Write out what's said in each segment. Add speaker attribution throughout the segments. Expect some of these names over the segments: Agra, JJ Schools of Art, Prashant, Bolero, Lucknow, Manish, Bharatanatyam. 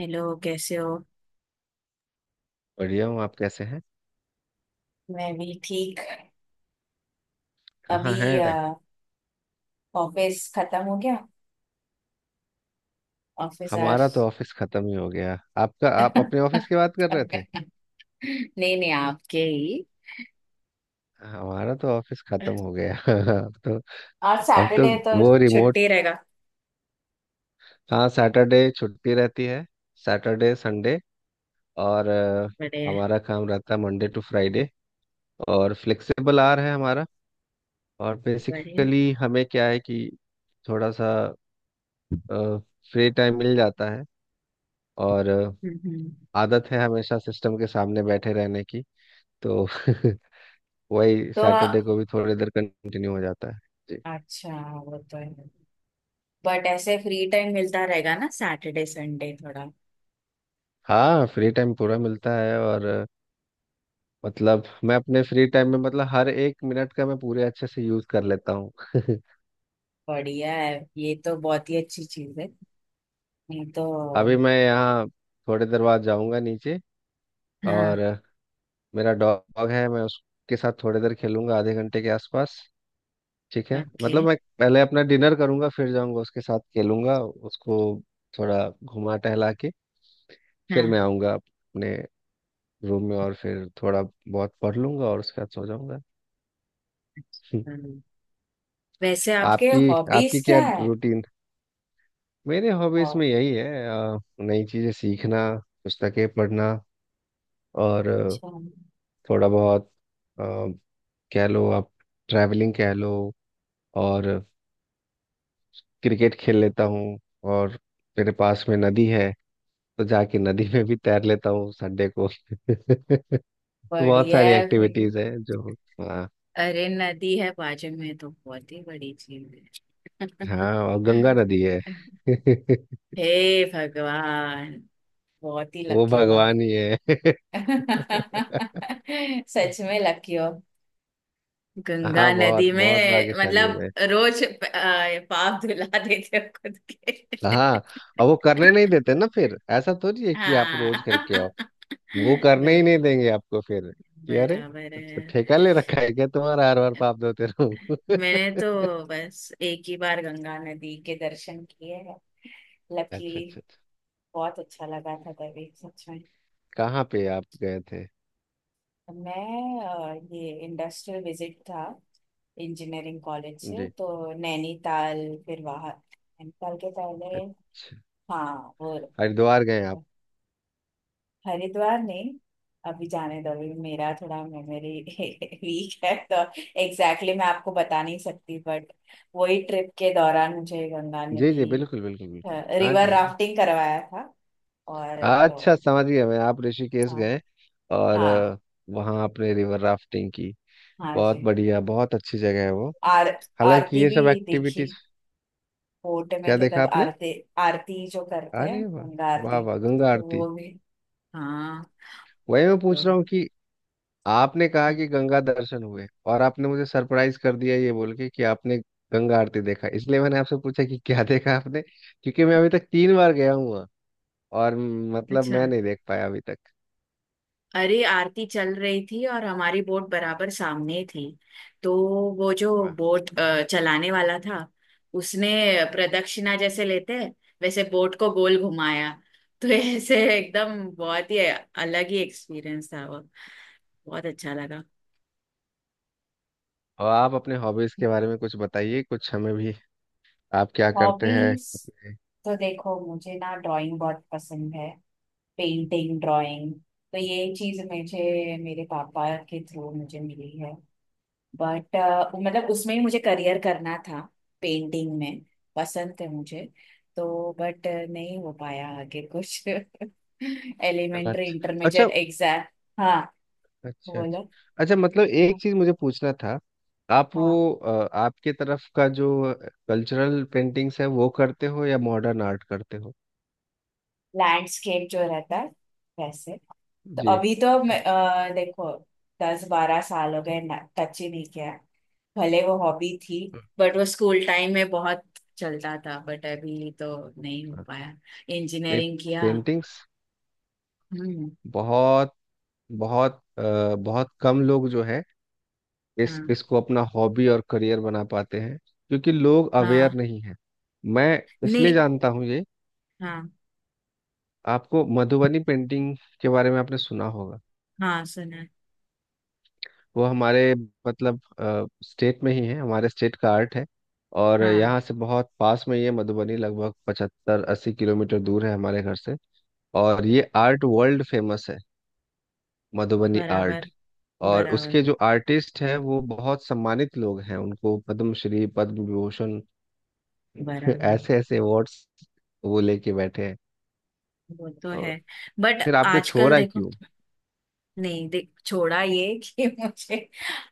Speaker 1: Hello, कैसे हो?
Speaker 2: बढ़िया हूँ। आप कैसे हैं?
Speaker 1: मैं भी ठीक।
Speaker 2: कहाँ
Speaker 1: अभी
Speaker 2: हैं?
Speaker 1: ऑफिस खत्म हो गया। ऑफिस आज।
Speaker 2: हमारा तो ऑफिस खत्म ही हो गया। आपका आप अपने ऑफिस की बात कर रहे थे?
Speaker 1: नहीं नहीं आपके ही।
Speaker 2: हमारा तो ऑफिस खत्म हो गया अब तो
Speaker 1: आज
Speaker 2: अब तो
Speaker 1: सैटरडे तो
Speaker 2: वो रिमोट।
Speaker 1: छुट्टी रहेगा।
Speaker 2: हाँ सैटरडे छुट्टी रहती है। सैटरडे संडे और
Speaker 1: बढ़िया।
Speaker 2: हमारा काम रहता है मंडे टू फ्राइडे। और फ्लेक्सिबल आवर है हमारा। और
Speaker 1: बढ़िया।
Speaker 2: बेसिकली हमें क्या है कि थोड़ा सा फ्री टाइम मिल जाता है। और
Speaker 1: हम्म हम्म।
Speaker 2: आदत है हमेशा सिस्टम के सामने बैठे रहने की, तो वही
Speaker 1: तो
Speaker 2: सैटरडे को भी थोड़ी देर कंटिन्यू हो जाता है। जी।
Speaker 1: अच्छा। वो तो है, बट ऐसे फ्री टाइम मिलता रहेगा ना सैटरडे संडे थोड़ा।
Speaker 2: हाँ फ्री टाइम पूरा मिलता है, और मतलब मैं अपने फ्री टाइम में, मतलब हर एक मिनट का मैं पूरे अच्छे से यूज कर लेता हूँ
Speaker 1: बढ़िया है, ये तो बहुत ही अच्छी चीज है। नहीं तो।
Speaker 2: अभी मैं यहाँ, थोड़ी देर बाद जाऊँगा नीचे। और
Speaker 1: हाँ।
Speaker 2: मेरा डॉग है, मैं उसके साथ थोड़ी देर खेलूंगा, आधे घंटे के आसपास। ठीक है,
Speaker 1: ओके।
Speaker 2: मतलब मैं पहले अपना डिनर करूंगा, फिर जाऊंगा, उसके साथ खेलूंगा, उसको थोड़ा घुमा टहला के। फिर मैं
Speaker 1: हाँ।
Speaker 2: आऊंगा अपने रूम में, और फिर थोड़ा बहुत पढ़ लूंगा और उसके बाद सो जाऊंगा
Speaker 1: हम्म, वैसे आपके
Speaker 2: आपकी
Speaker 1: हॉबीज
Speaker 2: आपकी क्या
Speaker 1: क्या है?
Speaker 2: रूटीन? मेरे हॉबीज में यही है, नई चीजें सीखना, पुस्तकें पढ़ना, और
Speaker 1: अच्छा।
Speaker 2: थोड़ा बहुत अ, कह लो आप, ट्रैवलिंग कह लो, और क्रिकेट खेल लेता हूँ। और मेरे पास में नदी है, तो जाके नदी में भी तैर लेता हूँ संडे को बहुत
Speaker 1: बढ़िया
Speaker 2: सारी
Speaker 1: है भाई।
Speaker 2: एक्टिविटीज है जो। हाँ।
Speaker 1: अरे नदी है बाजू में तो बहुत ही बड़ी चीज
Speaker 2: हाँ, और गंगा नदी है।
Speaker 1: है। हे भगवान, बहुत ही
Speaker 2: वो
Speaker 1: लकी हो आप।
Speaker 2: भगवान ही है।
Speaker 1: सच में लकी हो। गंगा
Speaker 2: हाँ, बहुत
Speaker 1: नदी
Speaker 2: बहुत
Speaker 1: में
Speaker 2: भाग्यशाली हूँ
Speaker 1: मतलब।
Speaker 2: मैं।
Speaker 1: रोज पाप धुला देते हो खुद के।
Speaker 2: हाँ, और वो करने नहीं देते ना, फिर ऐसा थोड़ी है कि आप रोज करके
Speaker 1: हाँ।
Speaker 2: आओ। वो करने ही नहीं
Speaker 1: बर,
Speaker 2: देंगे आपको फिर, कि अरे,
Speaker 1: बराबर है।
Speaker 2: ठेका ले रखा है क्या तुम्हारा, हर बार पाप धोते रहो
Speaker 1: मैंने तो बस एक ही बार गंगा नदी के दर्शन किए हैं,
Speaker 2: अच्छा
Speaker 1: लकीली।
Speaker 2: अच्छा अच्छा।
Speaker 1: बहुत अच्छा लगा था तभी, सच में।
Speaker 2: कहाँ पे आप गए थे?
Speaker 1: मैं ये इंडस्ट्रियल विजिट था, इंजीनियरिंग कॉलेज से,
Speaker 2: जी।
Speaker 1: तो नैनीताल। फिर वहाँ नैनीताल के पहले।
Speaker 2: अच्छा।
Speaker 1: हाँ वो।
Speaker 2: हरिद्वार गए आप?
Speaker 1: हरिद्वार नहीं। अभी जाने दो, अभी मेरा थोड़ा मेमोरी वीक है, तो एग्जैक्टली मैं आपको बता नहीं सकती, बट वही ट्रिप के दौरान मुझे गंगा
Speaker 2: जी
Speaker 1: नदी
Speaker 2: जी, बिल्कुल बिल्कुल बिल्कुल, हाँ
Speaker 1: रिवर
Speaker 2: जी, हाँ जी।
Speaker 1: राफ्टिंग करवाया था। और
Speaker 2: अच्छा
Speaker 1: तो।
Speaker 2: समझ गया मैं, आप ऋषिकेश
Speaker 1: हाँ।
Speaker 2: गए। और
Speaker 1: हाँ।
Speaker 2: वहाँ आपने रिवर राफ्टिंग की।
Speaker 1: हाँ
Speaker 2: बहुत
Speaker 1: जी।
Speaker 2: बढ़िया, बहुत अच्छी जगह है वो।
Speaker 1: आर
Speaker 2: हालांकि
Speaker 1: आरती
Speaker 2: ये
Speaker 1: भी
Speaker 2: सब
Speaker 1: देखी।
Speaker 2: एक्टिविटीज।
Speaker 1: कोर्ट में
Speaker 2: क्या
Speaker 1: थे
Speaker 2: देखा
Speaker 1: तब
Speaker 2: आपने?
Speaker 1: आरती। आरती जो करते हैं
Speaker 2: अरे वाह!
Speaker 1: गंगा
Speaker 2: वाह
Speaker 1: आरती,
Speaker 2: वाह, गंगा
Speaker 1: तो
Speaker 2: आरती।
Speaker 1: वो भी। हाँ।
Speaker 2: वही मैं
Speaker 1: तो
Speaker 2: पूछ रहा हूँ कि आपने कहा
Speaker 1: हम्म,
Speaker 2: कि गंगा दर्शन हुए, और आपने मुझे सरप्राइज कर दिया ये बोल के कि आपने गंगा आरती देखा, इसलिए मैंने आपसे पूछा कि क्या देखा आपने, क्योंकि मैं अभी तक तीन बार गया हूँ वहाँ और मतलब
Speaker 1: अच्छा।
Speaker 2: मैं नहीं देख पाया अभी तक।
Speaker 1: अरे आरती चल रही थी और हमारी बोट बराबर सामने ही थी। तो वो जो
Speaker 2: वाह।
Speaker 1: बोट चलाने वाला था, उसने प्रदक्षिणा जैसे लेते हैं वैसे बोट को गोल घुमाया। तो ऐसे एकदम बहुत ही अलग ही एक्सपीरियंस था वो। बहुत अच्छा लगा।
Speaker 2: और आप अपने हॉबीज के बारे में कुछ बताइए, कुछ हमें भी। आप क्या करते हैं
Speaker 1: हॉबीज।
Speaker 2: अपने-
Speaker 1: तो देखो, मुझे ना ड्राइंग बहुत पसंद है, पेंटिंग, ड्राइंग। तो ये चीज मुझे मेरे पापा के थ्रू मुझे मिली है। बट मतलब उसमें ही मुझे करियर करना था, पेंटिंग में। पसंद है मुझे। तो बट नहीं हो पाया आगे कुछ
Speaker 2: अच्छा
Speaker 1: एलिमेंट्री इंटरमीडिएट
Speaker 2: अच्छा
Speaker 1: एग्जाम। हाँ।
Speaker 2: अच्छा। अच्छा
Speaker 1: बोलो।
Speaker 2: अच्छा, मतलब एक चीज मुझे पूछना था।
Speaker 1: हाँ।
Speaker 2: आपके तरफ का जो कल्चरल पेंटिंग्स है वो करते हो, या मॉडर्न आर्ट करते हो?
Speaker 1: लैंडस्केप जो रहता है, वैसे। तो
Speaker 2: जी।
Speaker 1: अभी तो मैं देखो दस बारह साल हो गए, टच ही नहीं किया। भले वो हॉबी थी।
Speaker 2: अच्छा।
Speaker 1: बट वो स्कूल टाइम में बहुत चलता था, बट अभी तो नहीं हो पाया।
Speaker 2: नहीं,
Speaker 1: इंजीनियरिंग किया।
Speaker 2: पेंटिंग्स,
Speaker 1: हम्म।
Speaker 2: बहुत बहुत बहुत कम लोग जो है इस
Speaker 1: हाँ।
Speaker 2: इसको अपना हॉबी और करियर बना पाते हैं, क्योंकि लोग अवेयर
Speaker 1: हाँ।
Speaker 2: नहीं है। मैं इसलिए
Speaker 1: नहीं।
Speaker 2: जानता हूँ ये।
Speaker 1: हाँ।
Speaker 2: आपको मधुबनी पेंटिंग के बारे में आपने सुना होगा?
Speaker 1: हाँ, सुना है।
Speaker 2: वो हमारे, मतलब स्टेट में ही है, हमारे स्टेट का आर्ट है। और
Speaker 1: हाँ।
Speaker 2: यहाँ से बहुत पास में ये मधुबनी, लगभग 75-80 किलोमीटर दूर है हमारे घर से। और ये आर्ट वर्ल्ड फेमस है, मधुबनी आर्ट।
Speaker 1: बराबर,
Speaker 2: और
Speaker 1: बराबर,
Speaker 2: उसके जो आर्टिस्ट हैं वो बहुत सम्मानित लोग हैं, उनको पद्मश्री, पद्म विभूषण
Speaker 1: बराबर।
Speaker 2: ऐसे ऐसे अवार्ड्स वो लेके बैठे हैं।
Speaker 1: वो तो
Speaker 2: और
Speaker 1: है, बट
Speaker 2: फिर आपने
Speaker 1: आजकल
Speaker 2: छोड़ा
Speaker 1: देखो
Speaker 2: क्यों?
Speaker 1: नहीं देख छोड़ा ये कि मुझे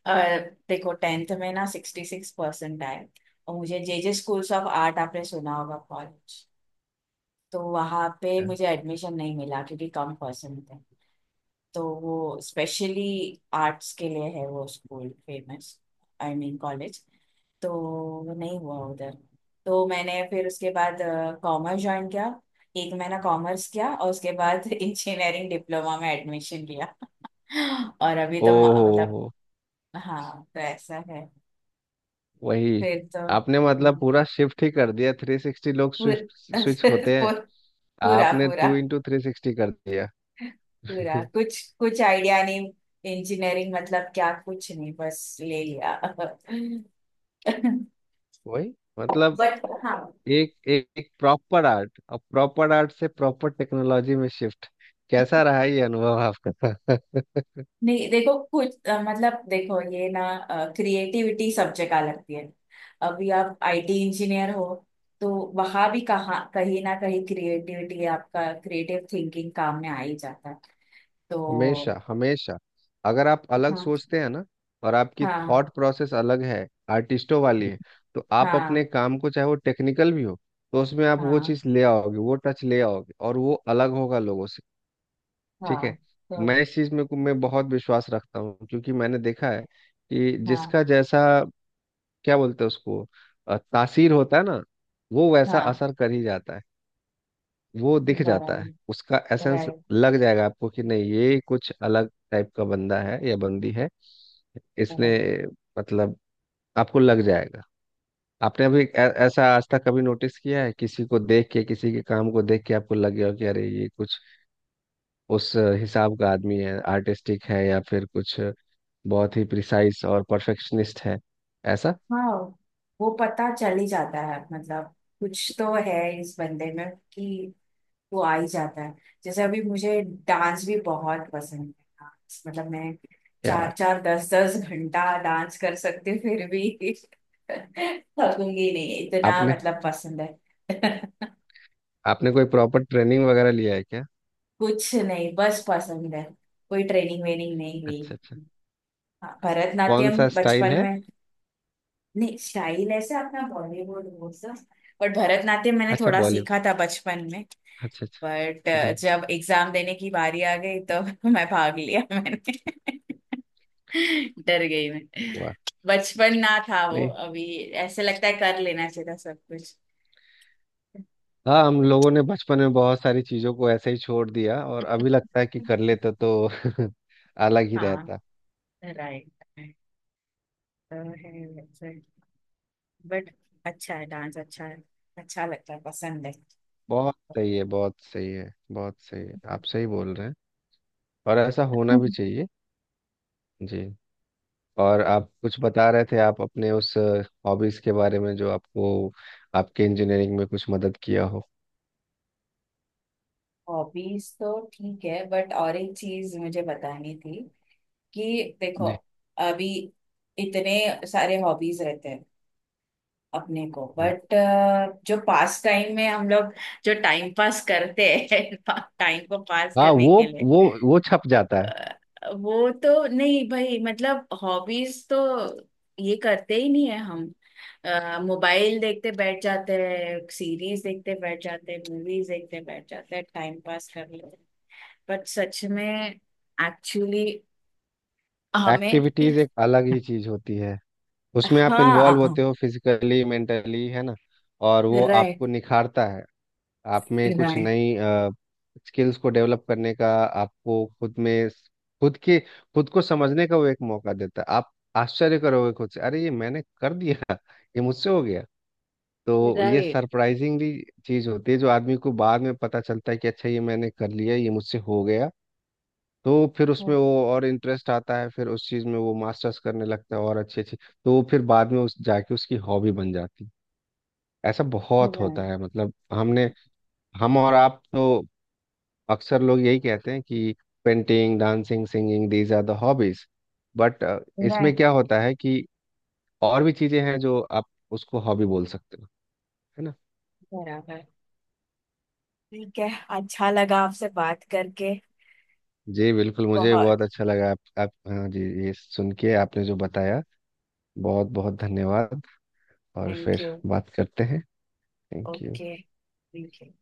Speaker 1: अ, देखो टेंथ में ना सिक्सटी सिक्स परसेंट आए, और मुझे J J schools of art आपने सुना होगा, कॉलेज। तो वहाँ पे मुझे एडमिशन नहीं मिला क्योंकि कम परसेंट थे। तो वो स्पेशली आर्ट्स के लिए है वो school famous, I mean college. तो वो नहीं हुआ उधर। तो मैंने फिर उसके बाद कॉमर्स ज्वाइन किया। एक महीना कॉमर्स किया और उसके बाद इंजीनियरिंग डिप्लोमा में एडमिशन लिया। और अभी
Speaker 2: ओ
Speaker 1: तो
Speaker 2: हो
Speaker 1: मतलब।
Speaker 2: हो।
Speaker 1: हाँ तो ऐसा है।
Speaker 2: वही,
Speaker 1: फिर तो
Speaker 2: आपने मतलब पूरा शिफ्ट ही कर दिया, 360, लोग स्विफ्ट
Speaker 1: पूर,
Speaker 2: स्विच होते हैं।
Speaker 1: पूर, पूरा,
Speaker 2: आपने
Speaker 1: पूरा,
Speaker 2: टू इंटू 360 कर दिया
Speaker 1: पूरा। कुछ कुछ आइडिया नहीं, इंजीनियरिंग मतलब क्या, कुछ नहीं बस ले लिया
Speaker 2: वही, मतलब
Speaker 1: बट हाँ।
Speaker 2: एक एक, एक प्रॉपर आर्ट, और प्रॉपर आर्ट से प्रॉपर टेक्नोलॉजी में शिफ्ट, कैसा रहा ये अनुभव आपका
Speaker 1: नहीं देखो कुछ मतलब देखो ये ना, क्रिएटिविटी सब जगह लगती है। अभी आप आईटी इंजीनियर हो, तो वहां भी कहाँ कहीं ना कहीं क्रिएटिविटी, आपका क्रिएटिव थिंकिंग काम में आ ही जाता है। तो
Speaker 2: हमेशा हमेशा, अगर आप अलग
Speaker 1: हाँ।
Speaker 2: सोचते हैं ना, और आपकी
Speaker 1: हाँ।
Speaker 2: थॉट प्रोसेस अलग है, आर्टिस्टों वाली है, तो आप अपने
Speaker 1: हाँ।
Speaker 2: काम को, चाहे वो टेक्निकल भी हो, तो उसमें आप वो
Speaker 1: हाँ।
Speaker 2: चीज़ ले आओगे, वो टच ले आओगे, और वो अलग होगा लोगों से। ठीक
Speaker 1: हाँ।
Speaker 2: है। मैं
Speaker 1: तो
Speaker 2: इस चीज में मैं बहुत विश्वास रखता हूँ, क्योंकि मैंने देखा है कि
Speaker 1: हाँ।
Speaker 2: जिसका जैसा, क्या बोलते हैं उसको, तासीर होता है ना, वो वैसा
Speaker 1: हाँ।
Speaker 2: असर कर ही जाता है। वो दिख जाता है,
Speaker 1: बराबर।
Speaker 2: उसका एसेंस
Speaker 1: राइट।
Speaker 2: लग जाएगा आपको कि नहीं, ये कुछ अलग टाइप का बंदा है या बंदी है। इसने,
Speaker 1: बराबर।
Speaker 2: मतलब आपको लग जाएगा। आपने अभी ऐसा आज तक कभी नोटिस किया है, किसी को देख के, किसी के काम को देख के आपको लग गया हो कि अरे ये कुछ उस हिसाब का आदमी है, आर्टिस्टिक है, या फिर कुछ बहुत ही प्रिसाइज और परफेक्शनिस्ट है, ऐसा?
Speaker 1: हाँ, वो पता चल ही जाता है, मतलब कुछ तो है इस बंदे में कि वो आ ही जाता है। जैसे अभी मुझे डांस भी बहुत पसंद है, डांस मतलब मैं
Speaker 2: क्या
Speaker 1: चार
Speaker 2: बात!
Speaker 1: चार दस दस घंटा डांस कर सकती हूँ, फिर भी थकूंगी नहीं, इतना
Speaker 2: आपने
Speaker 1: मतलब पसंद है।
Speaker 2: आपने कोई प्रॉपर ट्रेनिंग वगैरह लिया है क्या?
Speaker 1: कुछ नहीं, बस पसंद है, कोई ट्रेनिंग वेनिंग नहीं ली।
Speaker 2: अच्छा अच्छा।
Speaker 1: हाँ,
Speaker 2: कौन
Speaker 1: भरतनाट्यम
Speaker 2: सा स्टाइल
Speaker 1: बचपन
Speaker 2: है?
Speaker 1: में। नहीं, स्टाइल ऐसे अपना बॉलीवुड वो सब, बट भरतनाट्यम मैंने
Speaker 2: अच्छा,
Speaker 1: थोड़ा
Speaker 2: बॉलीवुड।
Speaker 1: सीखा था बचपन में।
Speaker 2: अच्छा अच्छा।
Speaker 1: बट
Speaker 2: जी।
Speaker 1: जब एग्जाम देने की बारी आ गई तो मैं भाग लिया, मैंने डर गई मैं।
Speaker 2: वाह।
Speaker 1: बचपन ना था वो।
Speaker 2: नहीं।
Speaker 1: अभी ऐसे लगता है कर लेना चाहिए था सब कुछ।
Speaker 2: हाँ, हम लोगों ने बचपन में बहुत सारी चीज़ों को ऐसे ही छोड़ दिया, और अभी लगता है कि कर लेते तो अलग ही
Speaker 1: हाँ,
Speaker 2: रहता।
Speaker 1: राइट। तो है वैसे, बट अच्छा है, डांस अच्छा है, अच्छा लगता है, पसंद है।
Speaker 2: बहुत सही है, बहुत सही है, बहुत सही है, आप सही बोल रहे हैं, और ऐसा होना भी चाहिए। जी। और आप कुछ बता रहे थे, आप अपने उस हॉबीज के बारे में जो आपको, आपके इंजीनियरिंग में कुछ मदद किया हो।
Speaker 1: हॉबीज तो ठीक है, बट और एक चीज मुझे बतानी थी, कि देखो
Speaker 2: जी।
Speaker 1: अभी इतने सारे हॉबीज रहते हैं अपने को,
Speaker 2: जी।
Speaker 1: बट जो पास टाइम में हम लोग जो टाइम पास करते हैं टाइम को पास
Speaker 2: हाँ।
Speaker 1: करने के लिए।
Speaker 2: वो वो छप जाता है।
Speaker 1: अ, वो तो नहीं भाई, मतलब हॉबीज तो ये करते ही नहीं है हम। मोबाइल देखते बैठ जाते हैं, सीरीज देखते बैठ जाते हैं, मूवीज देखते बैठ जाते हैं, टाइम पास कर लेते हैं। बट सच में एक्चुअली हमें।
Speaker 2: एक्टिविटीज एक अलग ही चीज होती है, उसमें आप
Speaker 1: हाँ।
Speaker 2: इन्वॉल्व होते हो फिजिकली मेंटली, है ना, और वो
Speaker 1: राइट,
Speaker 2: आपको निखारता है। आप में कुछ
Speaker 1: राइट,
Speaker 2: नई स्किल्स को डेवलप करने का, आपको खुद में खुद के खुद को समझने का वो एक मौका देता है। आप आश्चर्य करोगे खुद से, अरे ये मैंने कर दिया, ये मुझसे हो गया। तो ये
Speaker 1: राइट,
Speaker 2: सरप्राइजिंगली चीज होती है, जो आदमी को बाद में पता चलता है कि अच्छा, ये मैंने कर लिया, ये मुझसे हो गया। तो फिर उसमें वो और इंटरेस्ट आता है, फिर उस चीज में वो मास्टर्स करने लगता है, और अच्छी अच्छी, तो वो फिर बाद में उस जाके उसकी हॉबी बन जाती है। ऐसा बहुत होता
Speaker 1: राइट,
Speaker 2: है, मतलब हमने हम और आप तो अक्सर लोग यही कहते हैं कि painting, dancing, singing, these are the hobbies, but इसमें
Speaker 1: राइट।
Speaker 2: क्या होता है कि और भी चीजें हैं जो आप उसको हॉबी बोल सकते हो, है ना?
Speaker 1: बराबर, ठीक है, अच्छा लगा आपसे बात करके।
Speaker 2: जी बिल्कुल, मुझे
Speaker 1: बहुत।
Speaker 2: बहुत अच्छा लगा आप हाँ जी, ये सुन के, आपने जो बताया। बहुत बहुत धन्यवाद, और
Speaker 1: थैंक
Speaker 2: फिर
Speaker 1: यू।
Speaker 2: बात करते हैं। Thank you.
Speaker 1: Okay. Thank you.